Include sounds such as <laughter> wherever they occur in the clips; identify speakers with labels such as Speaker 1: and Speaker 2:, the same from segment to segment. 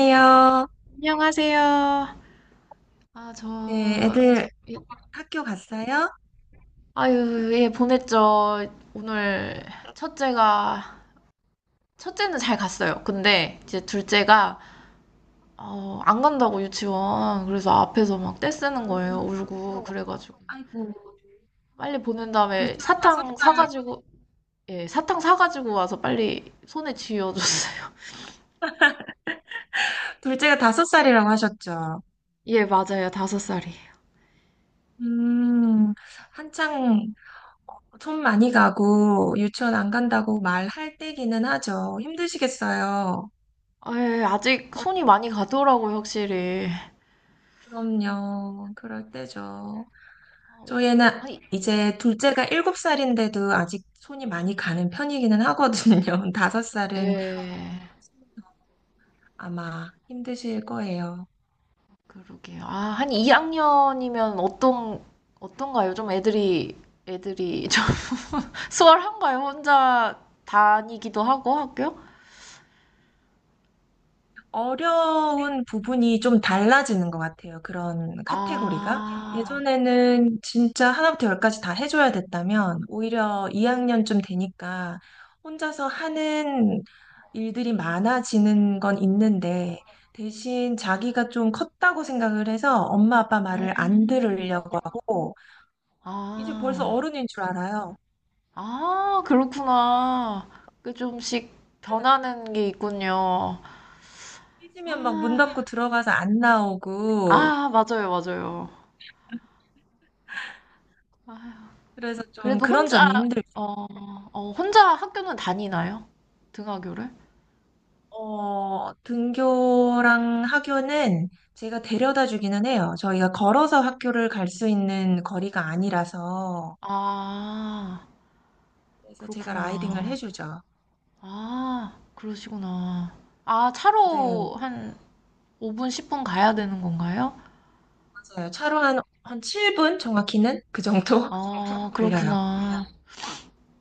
Speaker 1: 안녕- 안녕하세요. 아,
Speaker 2: 네,
Speaker 1: 저,
Speaker 2: 애들
Speaker 1: 예.
Speaker 2: 학교 갔어요?
Speaker 1: 아유, 예, 보냈죠. 오늘 첫째가, 첫째는 잘 갔어요. 근데 이제 둘째가, 안 간다고 유치원. 그래서 앞에서 막 떼쓰는 거예요.
Speaker 2: 음,
Speaker 1: 울고.
Speaker 2: 어,
Speaker 1: 그래가지고.
Speaker 2: 아이고,
Speaker 1: 빨리 보낸 다음에
Speaker 2: 둘째가 다섯
Speaker 1: 사탕
Speaker 2: 살,
Speaker 1: 사가지고, 예, 사탕 사가지고 와서 빨리 손에 쥐어줬어요.
Speaker 2: 둘째가 5살이라고 하셨죠?
Speaker 1: <laughs> 예, 맞아요. 다섯 살이.
Speaker 2: 음, 한창 손 많이 가고 유치원 안 간다고 말할 때기는 하죠. 힘드시겠어요?
Speaker 1: 아, 예, 아직 손이 많이 가더라고요, 확실히.
Speaker 2: 그럼요. 그럴 때죠. 저희는
Speaker 1: 아니,
Speaker 2: 이제 둘째가 7살인데도 아직 손이 많이 가는 편이기는 하거든요. <laughs> 5살은
Speaker 1: 예.
Speaker 2: 아마 힘드실 거예요.
Speaker 1: 그러게요. 아, 한 2학년이면 어떤가요? 좀 애들이 좀 <laughs> 수월한가요? 혼자 다니기도 하고 학교?
Speaker 2: 어려운 부분이 좀 달라지는 것 같아요. 그런 카테고리가.
Speaker 1: 아,
Speaker 2: 예전에는 진짜 하나부터 열까지 다 해줘야 됐다면, 오히려 2학년쯤 되니까 혼자서 하는 일들이 많아지는 건 있는데, 대신 자기가 좀 컸다고 생각을 해서 엄마 아빠 말을 안
Speaker 1: 음,
Speaker 2: 들으려고 하고, 이제 벌써
Speaker 1: 아,
Speaker 2: 어른인 줄 알아요.
Speaker 1: 아, 그렇구나. 그 좀씩
Speaker 2: 네,
Speaker 1: 변하는 게 있군요.
Speaker 2: 삐지면 막 문 닫고
Speaker 1: 아,
Speaker 2: 들어가서 안 나오고,
Speaker 1: 아, 맞아요, 맞아요. 아휴,
Speaker 2: 그래서 좀
Speaker 1: 그래도
Speaker 2: 그런 점이 힘들죠.
Speaker 1: 어, 혼자 학교는 다니나요? 등하교를?
Speaker 2: 어, 등교랑 학교는 제가 데려다 주기는 해요. 저희가 걸어서 학교를 갈 수 있는 거리가 아니라서.
Speaker 1: 아.
Speaker 2: 그래서 제가 라이딩을
Speaker 1: 그렇구나.
Speaker 2: 해주죠.
Speaker 1: 아, 그러시구나. 아,
Speaker 2: 네,
Speaker 1: 차로 한 5분, 10분 가야 되는 건가요?
Speaker 2: 맞아요. 차로 한 7분? 정확히는? 그 정도 <laughs>
Speaker 1: 아,
Speaker 2: 걸려요.
Speaker 1: 그렇구나.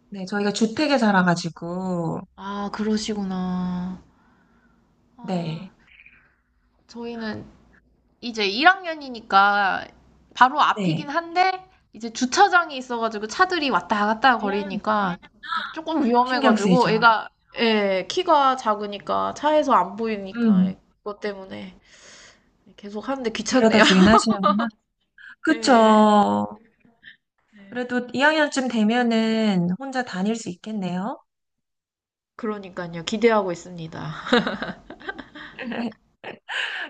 Speaker 2: 네, 저희가 주택에 살아가지고.
Speaker 1: 아, 그러시구나. 아,
Speaker 2: 네,
Speaker 1: 저희는 이제 1학년이니까 바로 앞이긴
Speaker 2: 네.
Speaker 1: 한데, 이제 주차장이 있어가지고 차들이 왔다 갔다
Speaker 2: 음,
Speaker 1: 거리니까 조금
Speaker 2: 신경
Speaker 1: 위험해가지고
Speaker 2: 쓰이죠.
Speaker 1: 애가, 예, 키가 작으니까 차에서 안 보이니까
Speaker 2: 음,
Speaker 1: 그것 때문에 계속 하는데
Speaker 2: 데려다
Speaker 1: 귀찮네요.
Speaker 2: 주긴
Speaker 1: <laughs>
Speaker 2: 하시는구나.
Speaker 1: 예.
Speaker 2: 그쵸.
Speaker 1: 네.
Speaker 2: 그래도 2학년쯤 되면은 혼자 다닐 수 있겠네요.
Speaker 1: 그러니깐요. 기대하고 있습니다.
Speaker 2: <laughs>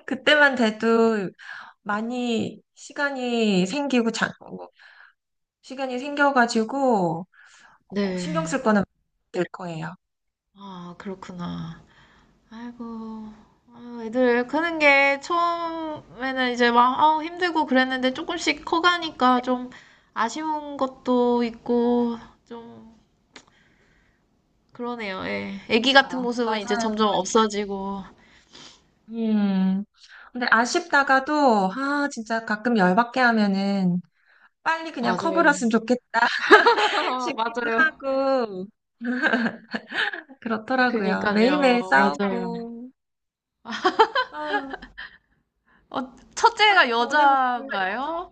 Speaker 2: 그때만 돼도 많이 시간이 생기고 장, 뭐, 시간이 생겨가지고 어,
Speaker 1: 네.
Speaker 2: 신경 쓸 거는 될 거예요.
Speaker 1: 아, 그렇구나. 아이고. 아, 애들 크는 게 처음에는 이제 막 아우 힘들고 그랬는데 조금씩 커가니까 좀 아쉬운 것도 있고 좀 그러네요. 예. 아기
Speaker 2: 그렇죠.
Speaker 1: 같은 모습은 이제
Speaker 2: 맞아요.
Speaker 1: 점점 없어지고.
Speaker 2: 음. 근데 아쉽다가도 아 진짜 가끔 열받게 하면은 빨리 그냥
Speaker 1: 맞아요.
Speaker 2: 커버렸으면 좋겠다 <laughs>
Speaker 1: <laughs>
Speaker 2: 싶기도
Speaker 1: 맞아요.
Speaker 2: 하고 그렇더라고요.
Speaker 1: 그니깐요.
Speaker 2: 매일매일
Speaker 1: 맞아요.
Speaker 2: 싸우고 아,
Speaker 1: 어, 첫째가
Speaker 2: 학교
Speaker 1: 여
Speaker 2: 보내고
Speaker 1: 자인
Speaker 2: 정말
Speaker 1: 가
Speaker 2: 여자
Speaker 1: 요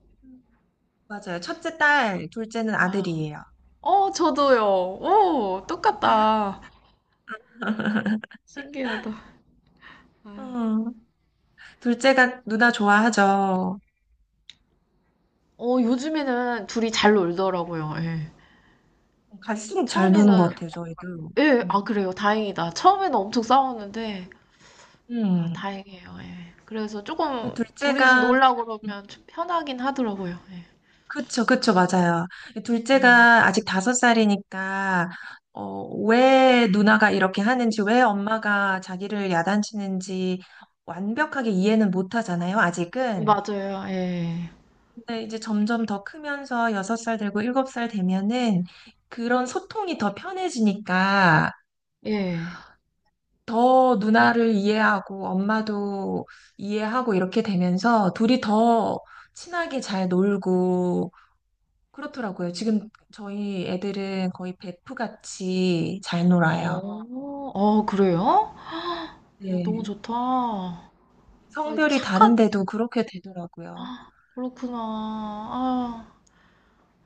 Speaker 2: 맞아요. 첫째 딸, 둘째는
Speaker 1: 아.
Speaker 2: 아들이에요.
Speaker 1: 어, 저도요. 오,
Speaker 2: 진짜요?
Speaker 1: 똑같다. 신기하다.
Speaker 2: 음, 둘째가 누나 좋아하죠.
Speaker 1: 어, 요즘에는 둘이 잘 놀더라고요. 예.
Speaker 2: 갈수록 잘 노는
Speaker 1: 처음에는,
Speaker 2: 것
Speaker 1: 있으니까.
Speaker 2: 같아요, 저희도.
Speaker 1: 예, 아,
Speaker 2: 음.
Speaker 1: 그래요. 다행이다. 처음에는 엄청 싸웠는데, 아,
Speaker 2: 음.
Speaker 1: 다행이에요. 예. 그래서 조금 둘이서
Speaker 2: 둘째가,
Speaker 1: 놀라
Speaker 2: 음,
Speaker 1: 그러면 좀 편하긴 하더라고요. 예.
Speaker 2: 그쵸, 그쵸, 맞아요.
Speaker 1: 음.
Speaker 2: 둘째가 아직 5살이니까, 어, 왜 누나가 이렇게 하는지, 왜 엄마가 자기를 야단치는지 완벽하게 이해는 못 하잖아요, 아직은.
Speaker 1: 맞아요. 예.
Speaker 2: 근데 이제 점점 더 크면서 6살 되고 7살 되면은 그런 소통이 더 편해지니까
Speaker 1: 예.
Speaker 2: 더 누나를 이해하고 엄마도 이해하고 이렇게 되면서 둘이 더 친하게 잘 놀고 그렇더라고요. 지금 저희 애들은 거의 베프같이 잘 놀아요.
Speaker 1: 어, 어, 어, 그래요? 어, 너무
Speaker 2: 네.
Speaker 1: 좋다. 어,
Speaker 2: 성별이
Speaker 1: 착한,
Speaker 2: 다른데도 그렇게 되더라고요.
Speaker 1: 그렇구나. 아,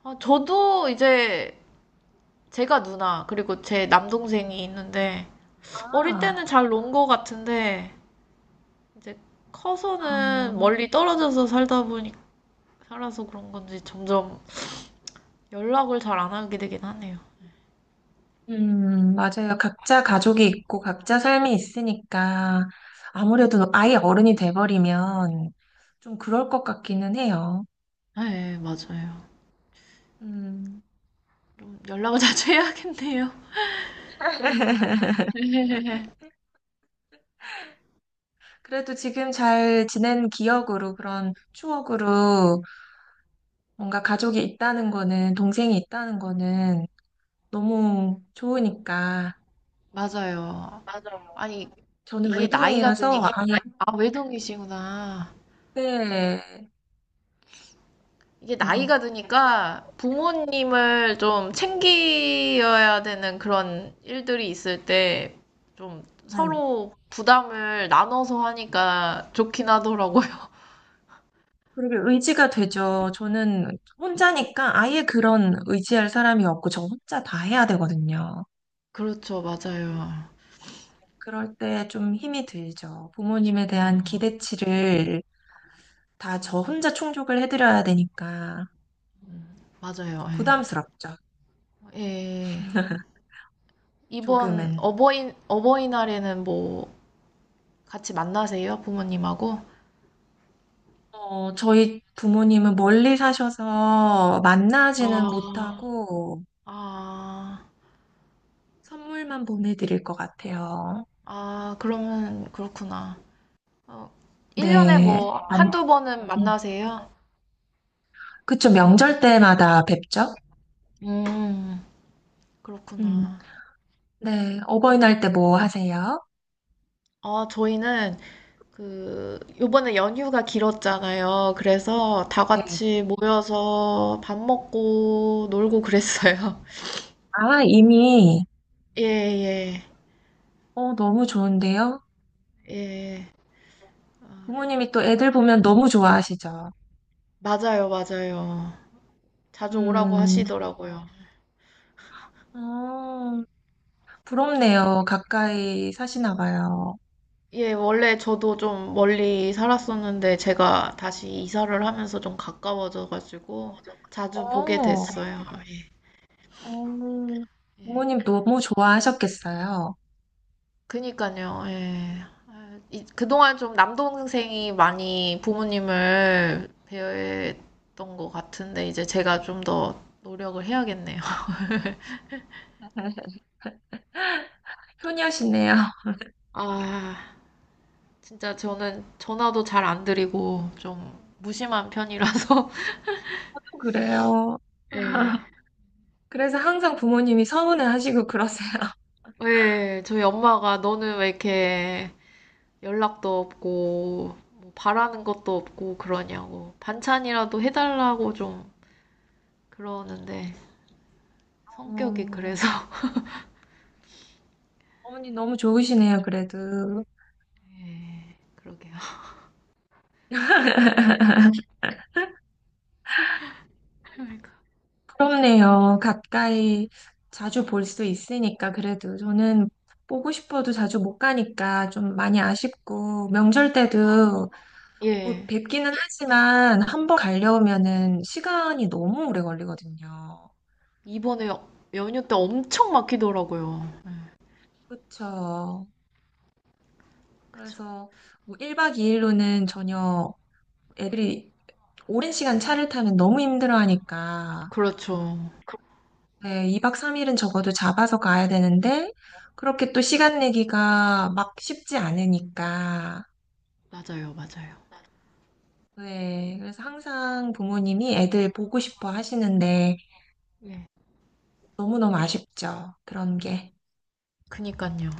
Speaker 1: 아, 저도 이제 제가 누나, 그리고 제 남동생이 있는데, 어릴
Speaker 2: 아,
Speaker 1: 때는 잘 논 거 같은데, 이제 커서는
Speaker 2: 아.
Speaker 1: 멀리 떨어져서 살다 보니, 살아서 그런 건지 점점 연락을 잘 안 하게 되긴 하네요.
Speaker 2: 맞아요. 각자 가족이 있고 각자 삶이 있으니까 아무래도 아예 어른이 돼버리면 좀 그럴 것 같기는 해요.
Speaker 1: 네, 맞아요.
Speaker 2: 음.
Speaker 1: 좀 연락을 <laughs> 자주 해야겠네요. 네, 네, <laughs>
Speaker 2: 그래도 지금 잘 지낸 기억으로 그런 추억으로 뭔가 가족이 있다는 거는 동생이 있다는 거는 너무 좋으니까
Speaker 1: 맞아요. 아니,
Speaker 2: 저는
Speaker 1: 이게 나이가
Speaker 2: 외동이라서
Speaker 1: 드니,
Speaker 2: 이게 아
Speaker 1: 아, 외동이시구나.
Speaker 2: 네. <laughs>
Speaker 1: 이게 나이가
Speaker 2: 음,
Speaker 1: 드니까 부모님을 좀 챙겨야 되는 그런 일들이 있을 때 좀
Speaker 2: 네.
Speaker 1: 서로 부담을 나눠서 하니까 좋긴 하더라고요. <laughs>
Speaker 2: 그렇게 의지가 되죠. 저는 혼자니까 아예 그런 의지할 사람이 없고 저 혼자 다 해야 되거든요.
Speaker 1: 그렇죠, 맞아요.
Speaker 2: 그럴 때 좀 힘이 들죠. 부모님에 대한
Speaker 1: 음,
Speaker 2: 기대치를 다 저 혼자 충족을 해드려야 되니까
Speaker 1: 맞아요.
Speaker 2: 부담스럽죠.
Speaker 1: 예. 예. 이번
Speaker 2: 조금은.
Speaker 1: 어버이날에는 뭐 같이 만나세요? 부모님하고?
Speaker 2: 어, 저희 부모님은 멀리 사셔서 만나지는
Speaker 1: 아,
Speaker 2: 못하고
Speaker 1: 아,
Speaker 2: 선물만 보내드릴 것 같아요.
Speaker 1: 아, 그러면 그렇구나. 어, 1년에
Speaker 2: 네.
Speaker 1: 뭐 한두 번은
Speaker 2: 음.
Speaker 1: 만나세요?
Speaker 2: 그쵸, 명절 때마다 뵙죠?
Speaker 1: 음,
Speaker 2: 음.
Speaker 1: 그렇구나.
Speaker 2: 네. 어버이날 때 뭐 하세요?
Speaker 1: 아, 저희는 그 요번에 연휴가 길었잖아요. 그래서 다
Speaker 2: 네.
Speaker 1: 같이 모여서 밥 먹고 놀고 그랬어요.
Speaker 2: 아, 이미,
Speaker 1: <laughs> 예, 예,
Speaker 2: 어, 너무 좋은데요?
Speaker 1: 예. 아,
Speaker 2: 부모님이 또 애들 보면 너무 좋아하시죠?
Speaker 1: 맞아요, 맞아요. 자주 오라고
Speaker 2: 음,
Speaker 1: 하시더라고요.
Speaker 2: 어, 부럽네요. 가까이 사시나 봐요.
Speaker 1: 예, 원래 저도 좀 멀리 살았었는데 제가 다시 이사를 하면서 좀 가까워져가지고 자주 보게
Speaker 2: 어,
Speaker 1: 됐어요.
Speaker 2: 음,
Speaker 1: 예, 예.
Speaker 2: 부모님 너무 좋아하셨겠어요.
Speaker 1: 그니까요. 예. 아, 그동안 좀 남동생이 많이 부모님을 배려했던 것 같은데 이제 제가 좀 더 노력을 해야겠네요. <laughs>
Speaker 2: <laughs> 효녀시네요.
Speaker 1: 아, 진짜 저는 전화도 잘 안 드리고 좀 무심한 편이라서
Speaker 2: <laughs> 그래요.
Speaker 1: <laughs> 예.
Speaker 2: 그래서 항상 부모님이 서운해 하시고 그러세요.
Speaker 1: 예, 저희 엄마가 너는 왜 이렇게 연락도 없고 뭐 바라는 것도 없고 그러냐고 반찬이라도 해달라고 좀 그러는데 성격이
Speaker 2: 어,
Speaker 1: 그래서 <laughs>
Speaker 2: 어머니 너무 좋으시네요, 그래도.
Speaker 1: 예, 그러게요. 그러니까.
Speaker 2: 부럽네요. 가까이 자주 볼 수 있으니까, 그래도. 저는 보고 싶어도 자주 못 가니까 좀 많이 아쉽고, 명절 때도 뭐
Speaker 1: 예.
Speaker 2: 뵙기는 하지만 한번 가려면은 시간이 너무 오래 걸리거든요.
Speaker 1: 이번에 연휴 때 엄청 막히더라고요.
Speaker 2: 그쵸.
Speaker 1: 그쵸.
Speaker 2: 그래서 뭐 1박 2일로는 전혀 애들이 오랜 시간 차를 타면 너무 힘들어하니까
Speaker 1: 그렇죠.
Speaker 2: 네, 2박 3일은 적어도 잡아서 가야 되는데 그렇게 또 시간 내기가 막 쉽지 않으니까
Speaker 1: 맞아요, 맞아요.
Speaker 2: 네, 그래서 항상 부모님이 애들 보고 싶어 하시는데
Speaker 1: 예.
Speaker 2: 너무너무 아쉽죠. 그런 게.
Speaker 1: 그니까요.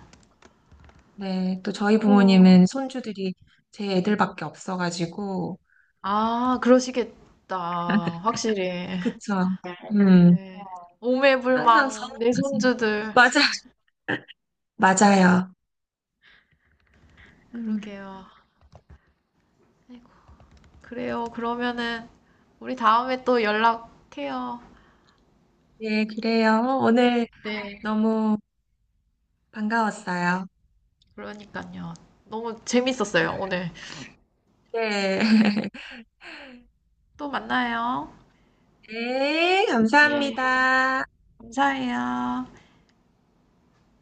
Speaker 2: 네, 또 저희
Speaker 1: 그,
Speaker 2: 부모님은 손주들이 제 애들밖에 없어가지고
Speaker 1: 아, 그러시겠다. 확실히.
Speaker 2: 그쵸. 음,
Speaker 1: 네.
Speaker 2: 항상
Speaker 1: 오매불망, 내
Speaker 2: 서운하지.
Speaker 1: 손주들.
Speaker 2: 맞아. 맞아요. 음,
Speaker 1: 그러게요. 아이고, 그래요. 그러면은, 우리 다음에 또 연락해요.
Speaker 2: 네, 그래요. 어, 오늘
Speaker 1: 네,
Speaker 2: 너무 반가웠어요.
Speaker 1: 그러니까요. 너무 재밌었어요, 오늘.
Speaker 2: 네. <laughs>
Speaker 1: 또 만나요.
Speaker 2: 네,
Speaker 1: 예,
Speaker 2: 감사합니다.
Speaker 1: 감사해요.